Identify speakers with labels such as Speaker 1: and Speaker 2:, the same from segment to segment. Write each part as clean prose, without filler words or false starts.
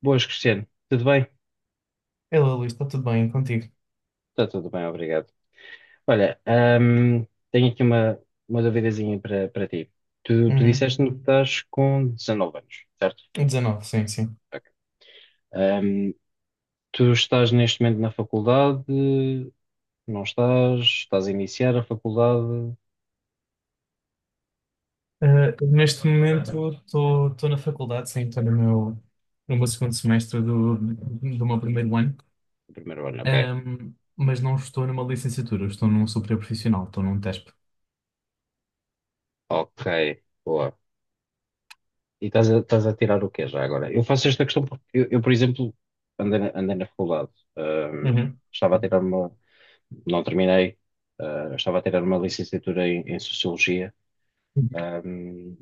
Speaker 1: Boas, Cristiano. Tudo bem?
Speaker 2: Hello, Luís, está tudo bem contigo?
Speaker 1: Está tudo bem, obrigado. Olha, tenho aqui uma duvidazinha para ti. Tu
Speaker 2: Uhum.
Speaker 1: disseste-me que estás com 19 anos, certo?
Speaker 2: 19, sim, sim.
Speaker 1: Ok. Ahm, tu estás neste momento na faculdade? Não estás? Estás a iniciar a faculdade?
Speaker 2: Ah, neste momento estou na faculdade, sim, estou no meu segundo semestre do meu primeiro ano.
Speaker 1: O primeiro ano, ok.
Speaker 2: Mas não estou numa licenciatura, estou num superior profissional, estou num TESP.
Speaker 1: Ok, boa. E estás estás a tirar o quê já agora? Eu faço esta questão porque por exemplo, andei na faculdade. Ahm,
Speaker 2: Uhum.
Speaker 1: estava a tirar não terminei. Ah, eu estava a tirar uma licenciatura em Sociologia. Ahm,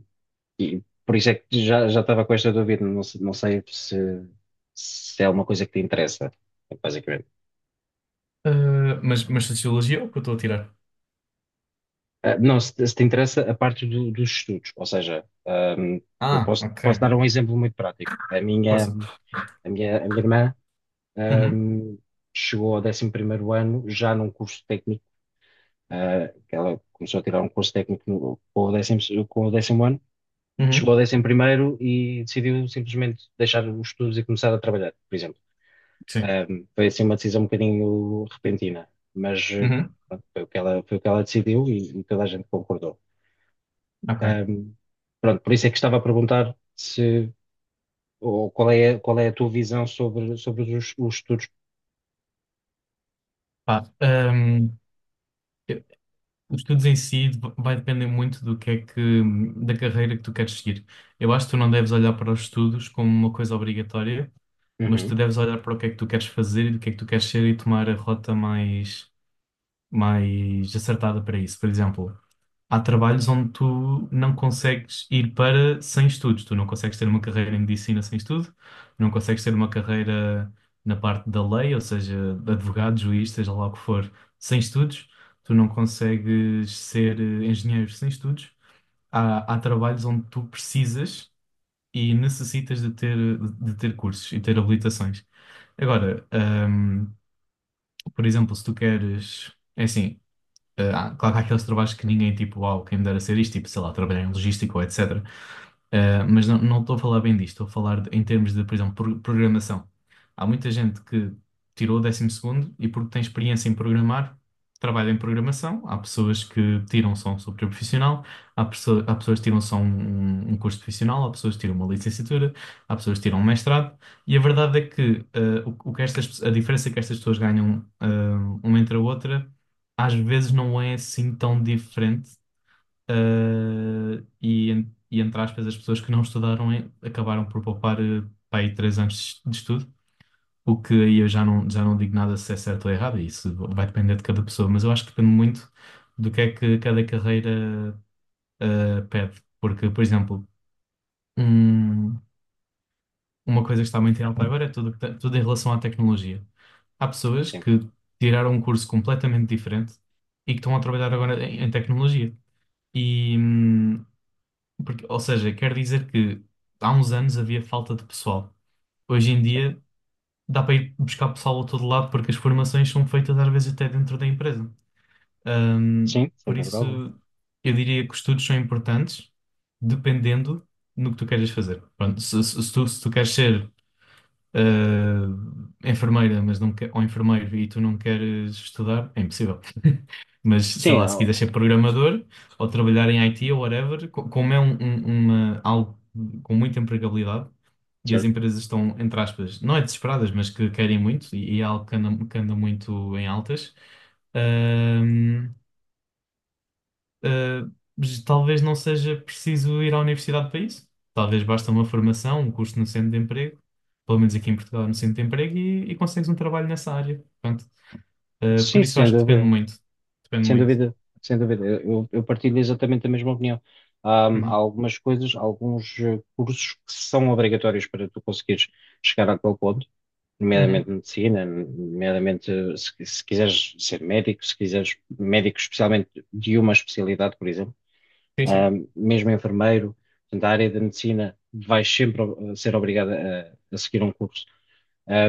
Speaker 1: e por isso é que já estava com esta dúvida. Não, não sei se é uma coisa que te interessa, basicamente.
Speaker 2: Ah, mas Sociologia é o que eu estou a tirar?
Speaker 1: Ah, não, se te interessa a parte dos estudos. Ou seja, eu
Speaker 2: Ah, ok,
Speaker 1: posso dar um exemplo muito prático.
Speaker 2: força.
Speaker 1: A minha irmã,
Speaker 2: Uhum.
Speaker 1: ahm, chegou ao 11.º ano já num curso técnico. Ah, que ela começou a tirar um curso técnico com o 10.º ano
Speaker 2: Uhum.
Speaker 1: chegou a 11 primeiro e decidiu simplesmente deixar os estudos e começar a trabalhar, por exemplo.
Speaker 2: Sim.
Speaker 1: Foi assim uma decisão um bocadinho repentina, mas
Speaker 2: Uhum.
Speaker 1: pronto, foi o que ela decidiu e toda a gente concordou.
Speaker 2: Ok.
Speaker 1: Ahm, pronto, por isso é que estava a perguntar se, ou qual é a tua visão sobre os estudos.
Speaker 2: Pá, os estudos em si vai depender muito do que é que, da carreira que tu queres seguir. Eu acho que tu não deves olhar para os estudos como uma coisa obrigatória, mas tu
Speaker 1: Uhum,
Speaker 2: deves olhar para o que é que tu queres fazer e do que é que tu queres ser e tomar a rota mais acertada para isso. Por exemplo, há trabalhos onde tu não consegues ir para sem estudos. Tu não consegues ter uma carreira em medicina sem estudo, não consegues ter uma carreira na parte da lei, ou seja, de advogado, juiz, seja lá o que for, sem estudos. Tu não consegues ser engenheiro sem estudos. Há trabalhos onde tu precisas e necessitas de ter cursos e ter habilitações. Agora, por exemplo, se tu queres. É assim, claro que há aqueles trabalhos que ninguém, tipo, uau, quem me dera ser isto, tipo, sei lá, trabalhar em logística ou etc. Mas não estou a falar bem disto, estou a falar em termos de, por exemplo, programação. Há muita gente que tirou o décimo segundo e porque tem experiência em programar, trabalha em programação. Há pessoas que tiram só um software profissional, há pessoas que tiram só um curso profissional, há pessoas que tiram uma licenciatura, há pessoas que tiram um mestrado. E a verdade é que, o que estas, pe- a diferença é que estas pessoas ganham, uma entre a outra às vezes não é assim tão diferente, e entre aspas, as pessoas que não estudaram acabaram por poupar pá, aí 3 anos de estudo, o que aí eu já não digo nada se é certo ou errado, isso vai depender de cada pessoa, mas eu acho que depende muito do que é que cada carreira pede, porque, por exemplo, um- uma coisa que está muito em alta agora é tudo, tudo em relação à tecnologia. Há pessoas
Speaker 1: sim,
Speaker 2: que tiraram um curso completamente diferente e que estão a trabalhar agora em tecnologia. E, hum, ou seja, quer dizer que há uns anos havia falta de pessoal. Hoje em
Speaker 1: certo.
Speaker 2: dia dá para ir buscar pessoal a todo lado porque as formações são feitas às vezes até dentro da empresa.
Speaker 1: Sim, sem
Speaker 2: Por
Speaker 1: dúvida alguma.
Speaker 2: isso, eu diria que os estudos são importantes dependendo no que tu queres fazer. Pronto, se tu queres ser enfermeira, mas não quer, ou enfermeiro e tu não queres estudar, é impossível. Mas sei
Speaker 1: Sim,
Speaker 2: lá, se
Speaker 1: ah,
Speaker 2: quiseres ser programador ou trabalhar em IT ou whatever, co- como é um- um- uma, algo com muita empregabilidade e as
Speaker 1: certo.
Speaker 2: empresas estão, entre aspas, não é desesperadas, mas que querem muito e é algo que anda muito em altas. ah, Uh, mas talvez não seja preciso ir à universidade para isso. Talvez basta uma formação, um curso no centro de emprego, pelo menos aqui em Portugal, no centro de emprego, e consegues um trabalho nessa área. Portanto, por
Speaker 1: Sim,
Speaker 2: isso eu
Speaker 1: sem
Speaker 2: acho que depende
Speaker 1: dúvida.
Speaker 2: muito. Depende
Speaker 1: Sem
Speaker 2: muito.
Speaker 1: dúvida, sem dúvida. Eu partilho exatamente a mesma opinião. Há
Speaker 2: Uhum.
Speaker 1: algumas coisas, alguns cursos que são obrigatórios para tu conseguires chegar àquele ponto, nomeadamente
Speaker 2: Uhum.
Speaker 1: medicina, nomeadamente se quiseres ser médico, se quiseres médico especialmente de uma especialidade, por exemplo,
Speaker 2: Sim, sim.
Speaker 1: mesmo enfermeiro, portanto, a área da medicina vais sempre ser obrigada a seguir um curso.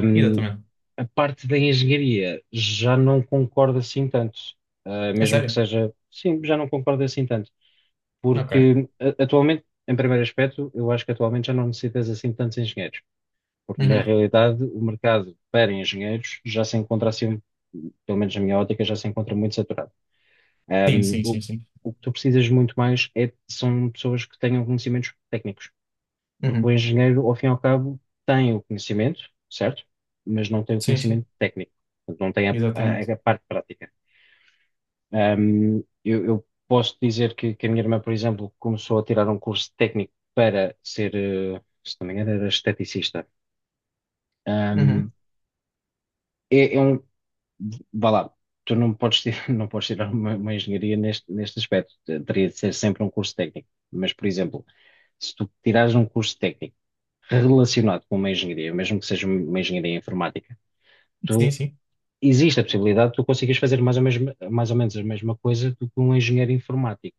Speaker 1: Hum,
Speaker 2: Exatamente.
Speaker 1: a parte da engenharia já não concordo assim tanto. Ah,
Speaker 2: É
Speaker 1: mesmo que
Speaker 2: sério?
Speaker 1: seja, sim, já não concordo assim tanto,
Speaker 2: Ok.
Speaker 1: porque atualmente, em primeiro aspecto, eu acho que atualmente já não necessitas assim de tantos engenheiros, porque na
Speaker 2: Uhum.
Speaker 1: realidade o mercado para engenheiros já se encontra assim, pelo menos na minha ótica, já se encontra muito saturado. Ah,
Speaker 2: Sim, sim,
Speaker 1: o,
Speaker 2: sim, sim.
Speaker 1: o que tu precisas muito mais é, são pessoas que tenham conhecimentos técnicos. Porque o
Speaker 2: Uhum.
Speaker 1: engenheiro, ao fim e ao cabo, tem o conhecimento, certo? Mas não tem o
Speaker 2: Sim, sim.
Speaker 1: conhecimento técnico. Portanto, não tem
Speaker 2: Exatamente.
Speaker 1: a parte prática. Eu posso dizer que a minha irmã, por exemplo, começou a tirar um curso técnico para ser, se não me engano, era esteticista.
Speaker 2: Uhum.
Speaker 1: Ahm, é, é um, vá lá, tu não podes, não podes tirar uma engenharia neste, neste aspecto, teria de ser sempre um curso técnico. Mas, por exemplo, se tu tirares um curso técnico, relacionado com uma engenharia, mesmo que seja uma engenharia informática,
Speaker 2: Sim,
Speaker 1: tu,
Speaker 2: sim.
Speaker 1: existe a possibilidade de tu conseguires fazer mais ou, mesmo, mais ou menos a mesma coisa do que um engenheiro informático.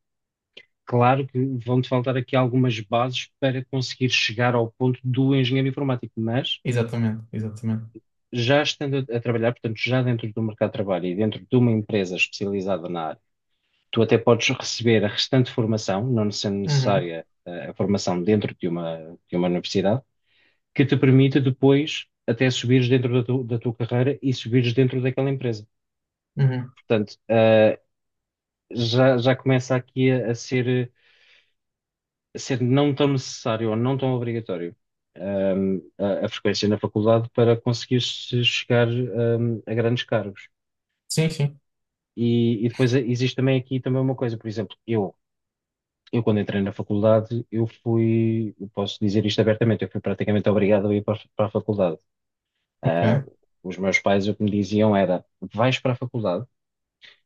Speaker 1: Claro que vão-te faltar aqui algumas bases para conseguir chegar ao ponto do engenheiro informático, mas
Speaker 2: Exatamente. Exatamente.
Speaker 1: já estando a trabalhar, portanto, já dentro do mercado de trabalho e dentro de uma empresa especializada na área, tu até podes receber a restante formação, não sendo
Speaker 2: Uhum.
Speaker 1: necessária a formação dentro de uma universidade que te permita depois até subires dentro da, da tua carreira e subires dentro daquela empresa.
Speaker 2: Uhum.
Speaker 1: Portanto, ah, já começa aqui a ser não tão necessário ou não tão obrigatório. A frequência na faculdade para conseguir chegar, a grandes cargos.
Speaker 2: Sim, sim.
Speaker 1: E depois existe também aqui também uma coisa, por exemplo, eu quando entrei na faculdade, eu fui, eu posso dizer isto abertamente, eu fui praticamente obrigado a ir para, para a faculdade. Ah,
Speaker 2: Ok.
Speaker 1: os meus pais o que me diziam era: vais para a faculdade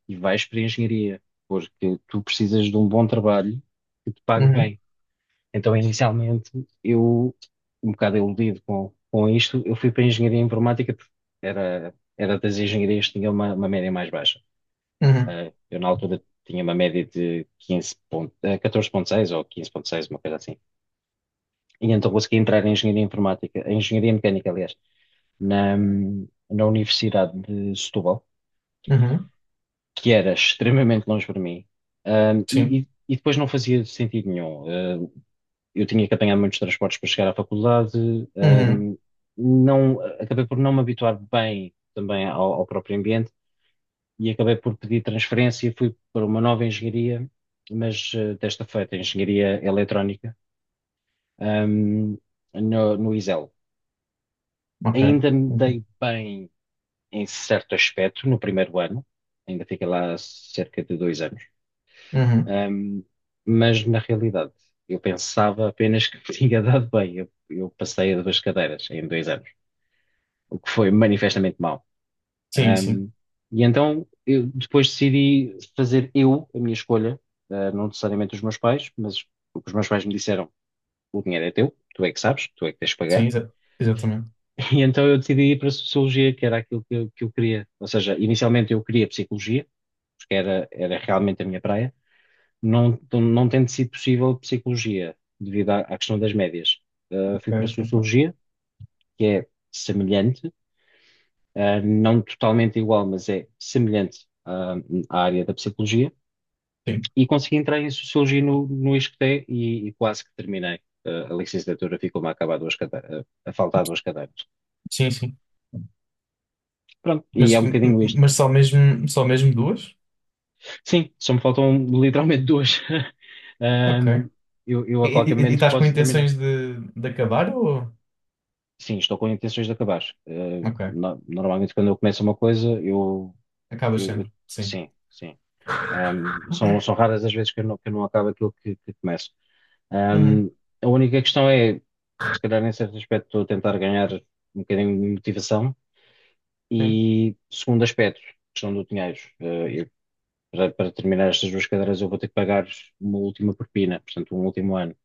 Speaker 1: e vais para a engenharia, porque tu precisas de um bom trabalho que te pague
Speaker 2: Uhum.
Speaker 1: bem. Então, inicialmente, eu, um bocado iludido com isto, eu fui para a engenharia informática, porque era das engenharias que tinha uma média mais baixa.
Speaker 2: Uhum.
Speaker 1: Ah, eu, na altura, tinha uma média de 15 ponto, 14,6 ou 15,6, uma coisa assim. E então consegui entrar em engenharia informática, em engenharia mecânica, aliás, na, na Universidade de Setúbal,
Speaker 2: Uhum.
Speaker 1: que era extremamente longe para mim,
Speaker 2: Sim.
Speaker 1: e depois não fazia sentido nenhum. Eu tinha que apanhar muitos transportes para chegar à faculdade,
Speaker 2: Uhum.
Speaker 1: não, acabei por não me habituar bem também ao próprio ambiente e acabei por pedir transferência, fui para uma nova engenharia, mas desta feita, engenharia eletrónica, ahm, no ISEL.
Speaker 2: Ok.
Speaker 1: Ainda me
Speaker 2: Ok.
Speaker 1: dei bem em certo aspecto no primeiro ano, ainda fiquei lá cerca de 2 anos.
Speaker 2: Uhum.
Speaker 1: Ahm, mas na realidade, eu pensava apenas que tinha dado bem. Eu passei a duas cadeiras em 2 anos, o que foi manifestamente mau.
Speaker 2: Sim, sim.
Speaker 1: Ahm, e então eu depois decidi fazer eu a minha escolha, ah, não necessariamente os meus pais, mas o que os meus pais me disseram, o dinheiro é teu, tu é que sabes, tu é que tens de
Speaker 2: Sim,
Speaker 1: pagar.
Speaker 2: exatamente.
Speaker 1: E então eu decidi ir para a Sociologia, que era aquilo que eu queria. Ou seja, inicialmente eu queria Psicologia, porque era realmente a minha praia. Não, não tendo sido possível psicologia, devido à questão das médias.
Speaker 2: Ok,
Speaker 1: Fui para a
Speaker 2: ok.
Speaker 1: sociologia, que é semelhante, não totalmente igual, mas é semelhante, à área da psicologia,
Speaker 2: Sim,
Speaker 1: e consegui entrar em sociologia no ISCTE e quase que terminei. A licenciatura ficou-me a acabar duas cadeiras, a faltar duas cadeiras.
Speaker 2: sim, sim.
Speaker 1: Pronto, e é
Speaker 2: Mas,
Speaker 1: um
Speaker 2: m- m-
Speaker 1: bocadinho isto.
Speaker 2: mas só mesmo duas?
Speaker 1: Sim, só me faltam literalmente duas.
Speaker 2: Ok. E,
Speaker 1: Um, eu a qualquer
Speaker 2: e- e
Speaker 1: momento
Speaker 2: estás com
Speaker 1: posso terminar.
Speaker 2: intenções de acabar ou...
Speaker 1: Sim, estou com intenções de acabar. Eh,
Speaker 2: Ok.
Speaker 1: no- normalmente, quando eu começo uma coisa, eu,
Speaker 2: Acabas
Speaker 1: eu- eu-
Speaker 2: sempre. Sim.
Speaker 1: sim, sim. São raras as vezes que eu não acabo aquilo que começo.
Speaker 2: Uhum.
Speaker 1: Ahm, a única questão é, se calhar, em certo aspecto, estou a tentar ganhar um bocadinho de motivação.
Speaker 2: Sim.
Speaker 1: E, segundo aspecto, questão do dinheiro. Para para terminar estas duas cadeiras, eu vou ter que pagar uma última propina, portanto, um último ano.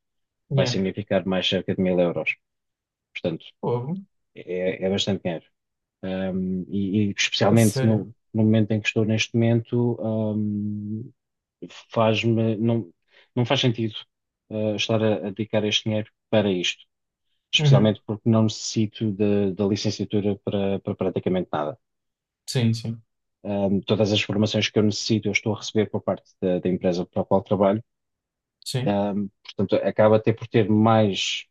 Speaker 1: Vai
Speaker 2: Yeah.
Speaker 1: significar mais cerca de mil euros. Portanto,
Speaker 2: Fogo.
Speaker 1: é, é bastante dinheiro. Um, e
Speaker 2: É
Speaker 1: especialmente
Speaker 2: sério.
Speaker 1: no momento em que estou neste momento, um, faz-me, não, não faz sentido, estar a dedicar este dinheiro para isto,
Speaker 2: Uhum.
Speaker 1: especialmente porque não necessito da licenciatura para, para praticamente nada.
Speaker 2: Sim, sim.
Speaker 1: Um, todas as formações que eu necessito, eu estou a receber por parte da, da empresa para a qual trabalho.
Speaker 2: Sim.
Speaker 1: Um, portanto, acaba até por ter mais,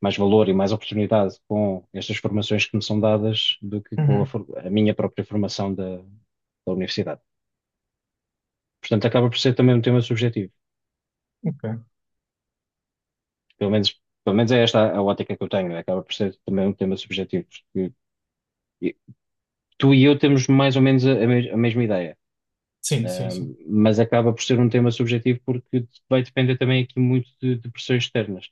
Speaker 1: mais valor e mais oportunidade com estas formações que me são dadas do que com
Speaker 2: Uhum.
Speaker 1: a minha própria formação da universidade. Portanto, acaba por ser também um tema subjetivo.
Speaker 2: Ok.
Speaker 1: Pelo menos, pelo menos é esta a ótica que eu tenho. Acaba por ser também um tema subjetivo, porque e- tu e eu temos mais ou menos a mesma ideia.
Speaker 2: Sim, sim, sim.
Speaker 1: Mas acaba por ser um tema subjetivo porque vai depender também aqui muito de pressões externas.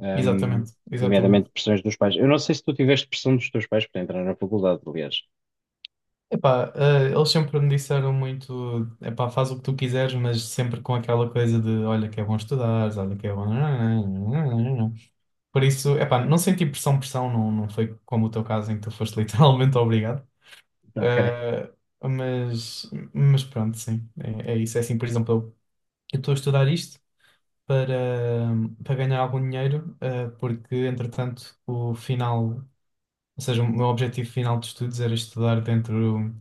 Speaker 1: Ahm,
Speaker 2: Exatamente. Exatamente.
Speaker 1: nomeadamente pressões dos pais. Eu não sei se tu tiveste pressão dos teus pais para entrar na faculdade, aliás.
Speaker 2: Epá, eles sempre me disseram muito, epá, faz o que tu quiseres, mas sempre com aquela coisa de, olha que é bom estudares, olha que é bom... Por isso, epá, não senti pressão, pressão, não foi como o teu caso em que tu foste literalmente obrigado.
Speaker 1: Ok.
Speaker 2: Eh, mas pronto, sim, é isso. É assim, por exemplo, eu estou a estudar isto para, para ganhar algum dinheiro, porque entretanto o final, ou seja, o meu objetivo final de estudos era estudar dentro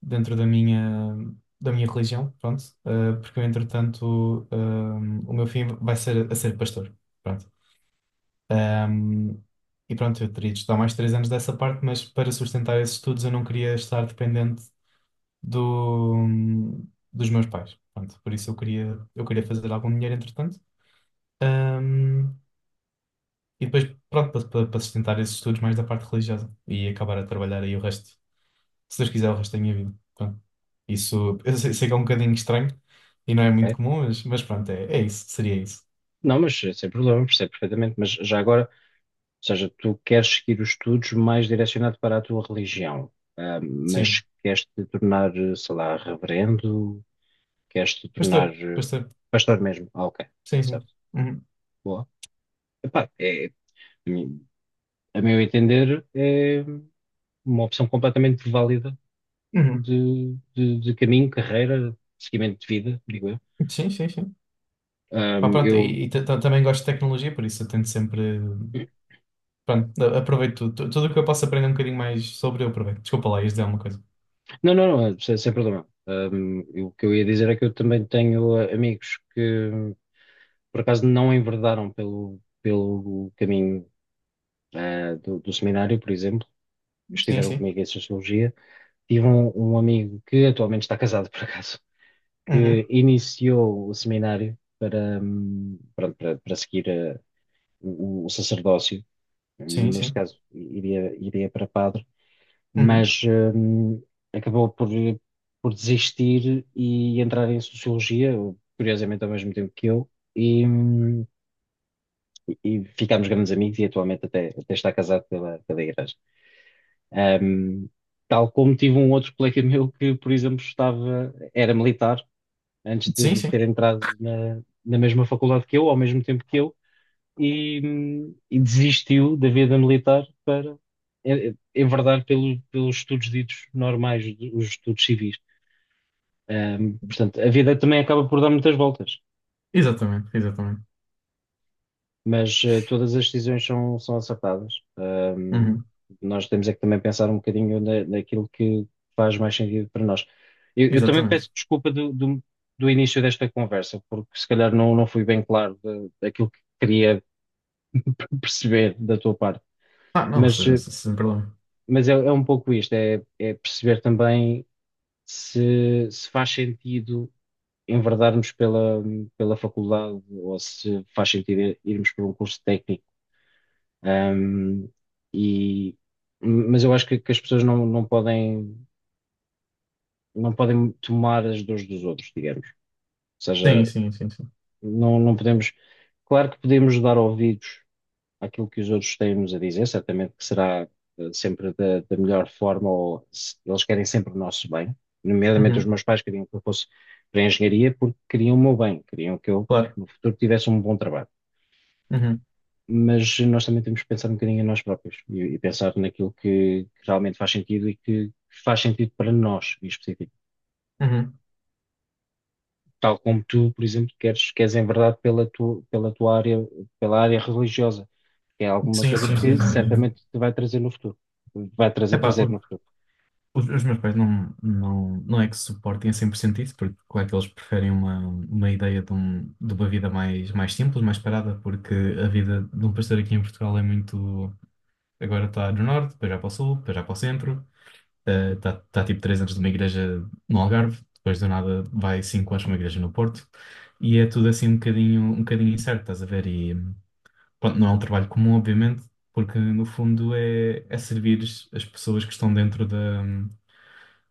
Speaker 2: dentro da minha religião, pronto, porque eu, entretanto, o meu filho vai ser a ser pastor, pronto. Ehm, e pronto, eu teria de estudar mais 3 anos dessa parte, mas para sustentar esses estudos eu não queria estar dependente do, dos meus pais, pronto. Por isso eu queria fazer algum dinheiro, entretanto. Ehm, e depois, pronto, para sustentar esses estudos mais da parte religiosa e acabar a trabalhar aí o resto. Se Deus quiser, o resto da minha vida. Pronto. Isso, eu sei que é um bocadinho estranho e não é muito
Speaker 1: Ok.
Speaker 2: comum, mas pronto, é isso, seria isso.
Speaker 1: Não, mas sem problema, percebo perfeitamente. Mas já agora, ou seja, tu queres seguir os estudos mais direcionado para a tua religião, ah, mas
Speaker 2: Sim.
Speaker 1: queres te tornar, sei lá, reverendo, queres te tornar
Speaker 2: Pastor, pastor.
Speaker 1: pastor mesmo. Ah, ok,
Speaker 2: Sim, sim.
Speaker 1: certo.
Speaker 2: Uhum.
Speaker 1: Boa. Epá, é, a mim- a meu entender, é uma opção completamente válida
Speaker 2: Uhum.
Speaker 1: de caminho, carreira, seguimento de vida, digo eu.
Speaker 2: Sim, sim, sim.
Speaker 1: Ah,
Speaker 2: Pá, pronto,
Speaker 1: eu
Speaker 2: e também gosto de tecnologia, por isso eu tento sempre. Pronto, aproveito tudo. Tudo o que eu posso aprender um bocadinho mais sobre, eu aproveito. Desculpa lá, ias dizer alguma coisa.
Speaker 1: não, não, não, é sem, sem problema. O que eu ia dizer é que eu também tenho ah, amigos que, por acaso, não enverdaram pelo, pelo caminho ah, do seminário, por exemplo.
Speaker 2: Sim,
Speaker 1: Estiveram
Speaker 2: sim.
Speaker 1: comigo em Sociologia. Tive um, um amigo que atualmente está casado, por acaso, que
Speaker 2: Uhum.
Speaker 1: iniciou o seminário para, pronto, para seguir ah, o sacerdócio.
Speaker 2: Sim,
Speaker 1: Neste
Speaker 2: sim.
Speaker 1: caso, iria para padre,
Speaker 2: Uhum.
Speaker 1: mas hum, acabou por desistir e entrar em sociologia, curiosamente ao mesmo tempo que eu, e, hum, e ficámos grandes amigos e atualmente até, até está casado pela, pela igreja. Hum, tal como tive um outro colega meu que, por exemplo, estava, era militar antes
Speaker 2: Sim,
Speaker 1: de ter
Speaker 2: sim.
Speaker 1: entrado na mesma faculdade que eu, ao mesmo tempo que eu, e, e desistiu da vida militar para enverdar pelo, pelos estudos ditos normais, os estudos civis. Portanto, a vida também acaba por dar muitas voltas,
Speaker 2: Exatamente, exatamente.
Speaker 1: mas todas as decisões são, são acertadas.
Speaker 2: Uhum.
Speaker 1: Nós temos é que também pensar um bocadinho naquilo que faz mais sentido para nós. Eu também
Speaker 2: Exatamente.
Speaker 1: peço desculpa do início desta conversa, porque se calhar não, não fui bem claro da daquilo que queria perceber da tua parte.
Speaker 2: Ah, não,
Speaker 1: Mas
Speaker 2: sem, sem sem problema.
Speaker 1: mas é, é um pouco isto, é, é perceber também se faz sentido enverdarmos pela, pela faculdade ou se faz sentido irmos por um curso técnico. Ahm, e, mas eu acho que as pessoas não, não podem, não podem tomar as dores dos outros, digamos. Ou
Speaker 2: Sim,
Speaker 1: seja,
Speaker 2: sim, sim, sim.
Speaker 1: não, não podemos. Claro que podemos dar ouvidos àquilo que os outros têm-nos a dizer, certamente que será sempre da melhor forma, ou eles querem sempre o nosso bem, nomeadamente os
Speaker 2: Uhum.
Speaker 1: meus pais queriam que eu fosse para a engenharia porque queriam o meu bem, queriam que eu
Speaker 2: Claro.
Speaker 1: no futuro tivesse um bom trabalho.
Speaker 2: Uhum.
Speaker 1: Mas nós também temos que pensar um bocadinho em nós próprios e pensar naquilo que realmente faz sentido e que faz sentido para nós em específico.
Speaker 2: Uhum.
Speaker 1: Tal como tu, por exemplo, queres, queres enverdar pela tua área, pela área religiosa. É alguma
Speaker 2: Sim,
Speaker 1: coisa
Speaker 2: sim, sim,
Speaker 1: que
Speaker 2: sim.
Speaker 1: certamente te vai trazer no futuro. Vai trazer
Speaker 2: Epá,
Speaker 1: prazer
Speaker 2: o-
Speaker 1: no futuro.
Speaker 2: os, os meus pais não é que suportem a 100% isso, porque claro que eles preferem uma ideia de uma vida mais simples, mais parada, porque a vida de um pastor aqui em Portugal é muito. Agora está no norte, depois já para o sul, depois já para o centro, está tipo 3 anos numa igreja no Algarve, depois do nada vai 5 anos para uma igreja no Porto, e é tudo assim um bocadinho incerto, estás a ver? E pronto, não é um trabalho comum, obviamente, porque no fundo é servir as pessoas que estão dentro da,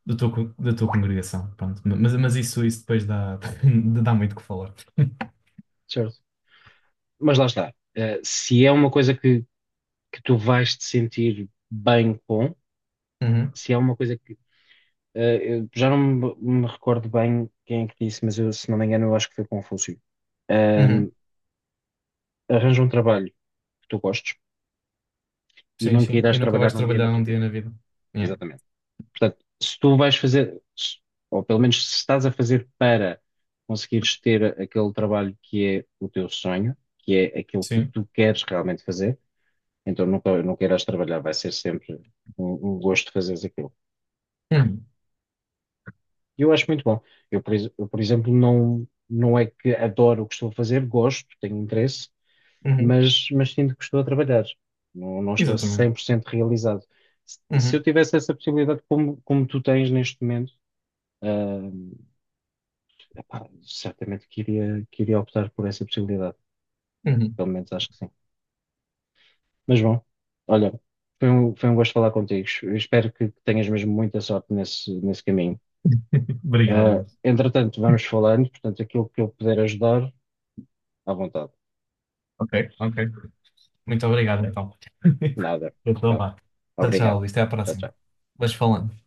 Speaker 2: da tua, co- da tua congregação, pronto. Mas isso depois dá, dá muito o que falar.
Speaker 1: Certo. Mas lá está. Eh, se é uma coisa que tu vais te sentir bem com,
Speaker 2: Uhum,
Speaker 1: se é uma coisa que. Eu já não me, me recordo bem quem é que disse, mas eu, se não me engano, eu acho que foi Confúcio. Ahm,
Speaker 2: uhum.
Speaker 1: arranja um trabalho que tu gostes e
Speaker 2: Sim,
Speaker 1: nunca
Speaker 2: sim.
Speaker 1: irás
Speaker 2: E nunca
Speaker 1: trabalhar
Speaker 2: vais
Speaker 1: num dia na
Speaker 2: trabalhar
Speaker 1: tua
Speaker 2: um dia
Speaker 1: vida.
Speaker 2: na vida. Yeah.
Speaker 1: Exatamente. Portanto, se tu vais fazer, ou pelo menos se estás a fazer para conseguires ter aquele trabalho que é o teu sonho, que é aquilo que
Speaker 2: Sim.
Speaker 1: tu queres realmente fazer, então nunca, nunca irás trabalhar, vai ser sempre um, um gosto fazeres aquilo.
Speaker 2: Uhum,
Speaker 1: E eu acho muito bom. Eu, por, eu, por exemplo, não, não é que adoro o que estou a fazer, gosto, tenho interesse,
Speaker 2: uhum.
Speaker 1: mas sinto que estou a trabalhar. Não, não estou
Speaker 2: Exatamente.
Speaker 1: 100% realizado. Se eu
Speaker 2: Uhum,
Speaker 1: tivesse essa possibilidade, como, como tu tens neste momento, ah, epá, certamente que iria optar por essa possibilidade.
Speaker 2: uhum.
Speaker 1: Pelo menos acho que sim. Mas bom, olha, foi um gosto falar contigo. Eu espero que tenhas mesmo muita sorte nesse, nesse caminho.
Speaker 2: Obrigado,
Speaker 1: Ah,
Speaker 2: Luís.
Speaker 1: entretanto, vamos falando, portanto, aquilo que eu puder ajudar, à vontade.
Speaker 2: Ok, ok. Muito obrigado, então.
Speaker 1: Nada.
Speaker 2: Eu estou
Speaker 1: Pá,
Speaker 2: lá. Tchau, tchau,
Speaker 1: obrigado.
Speaker 2: Luís. Até à
Speaker 1: Tchau,
Speaker 2: próxima.
Speaker 1: tchau.
Speaker 2: Vais falando.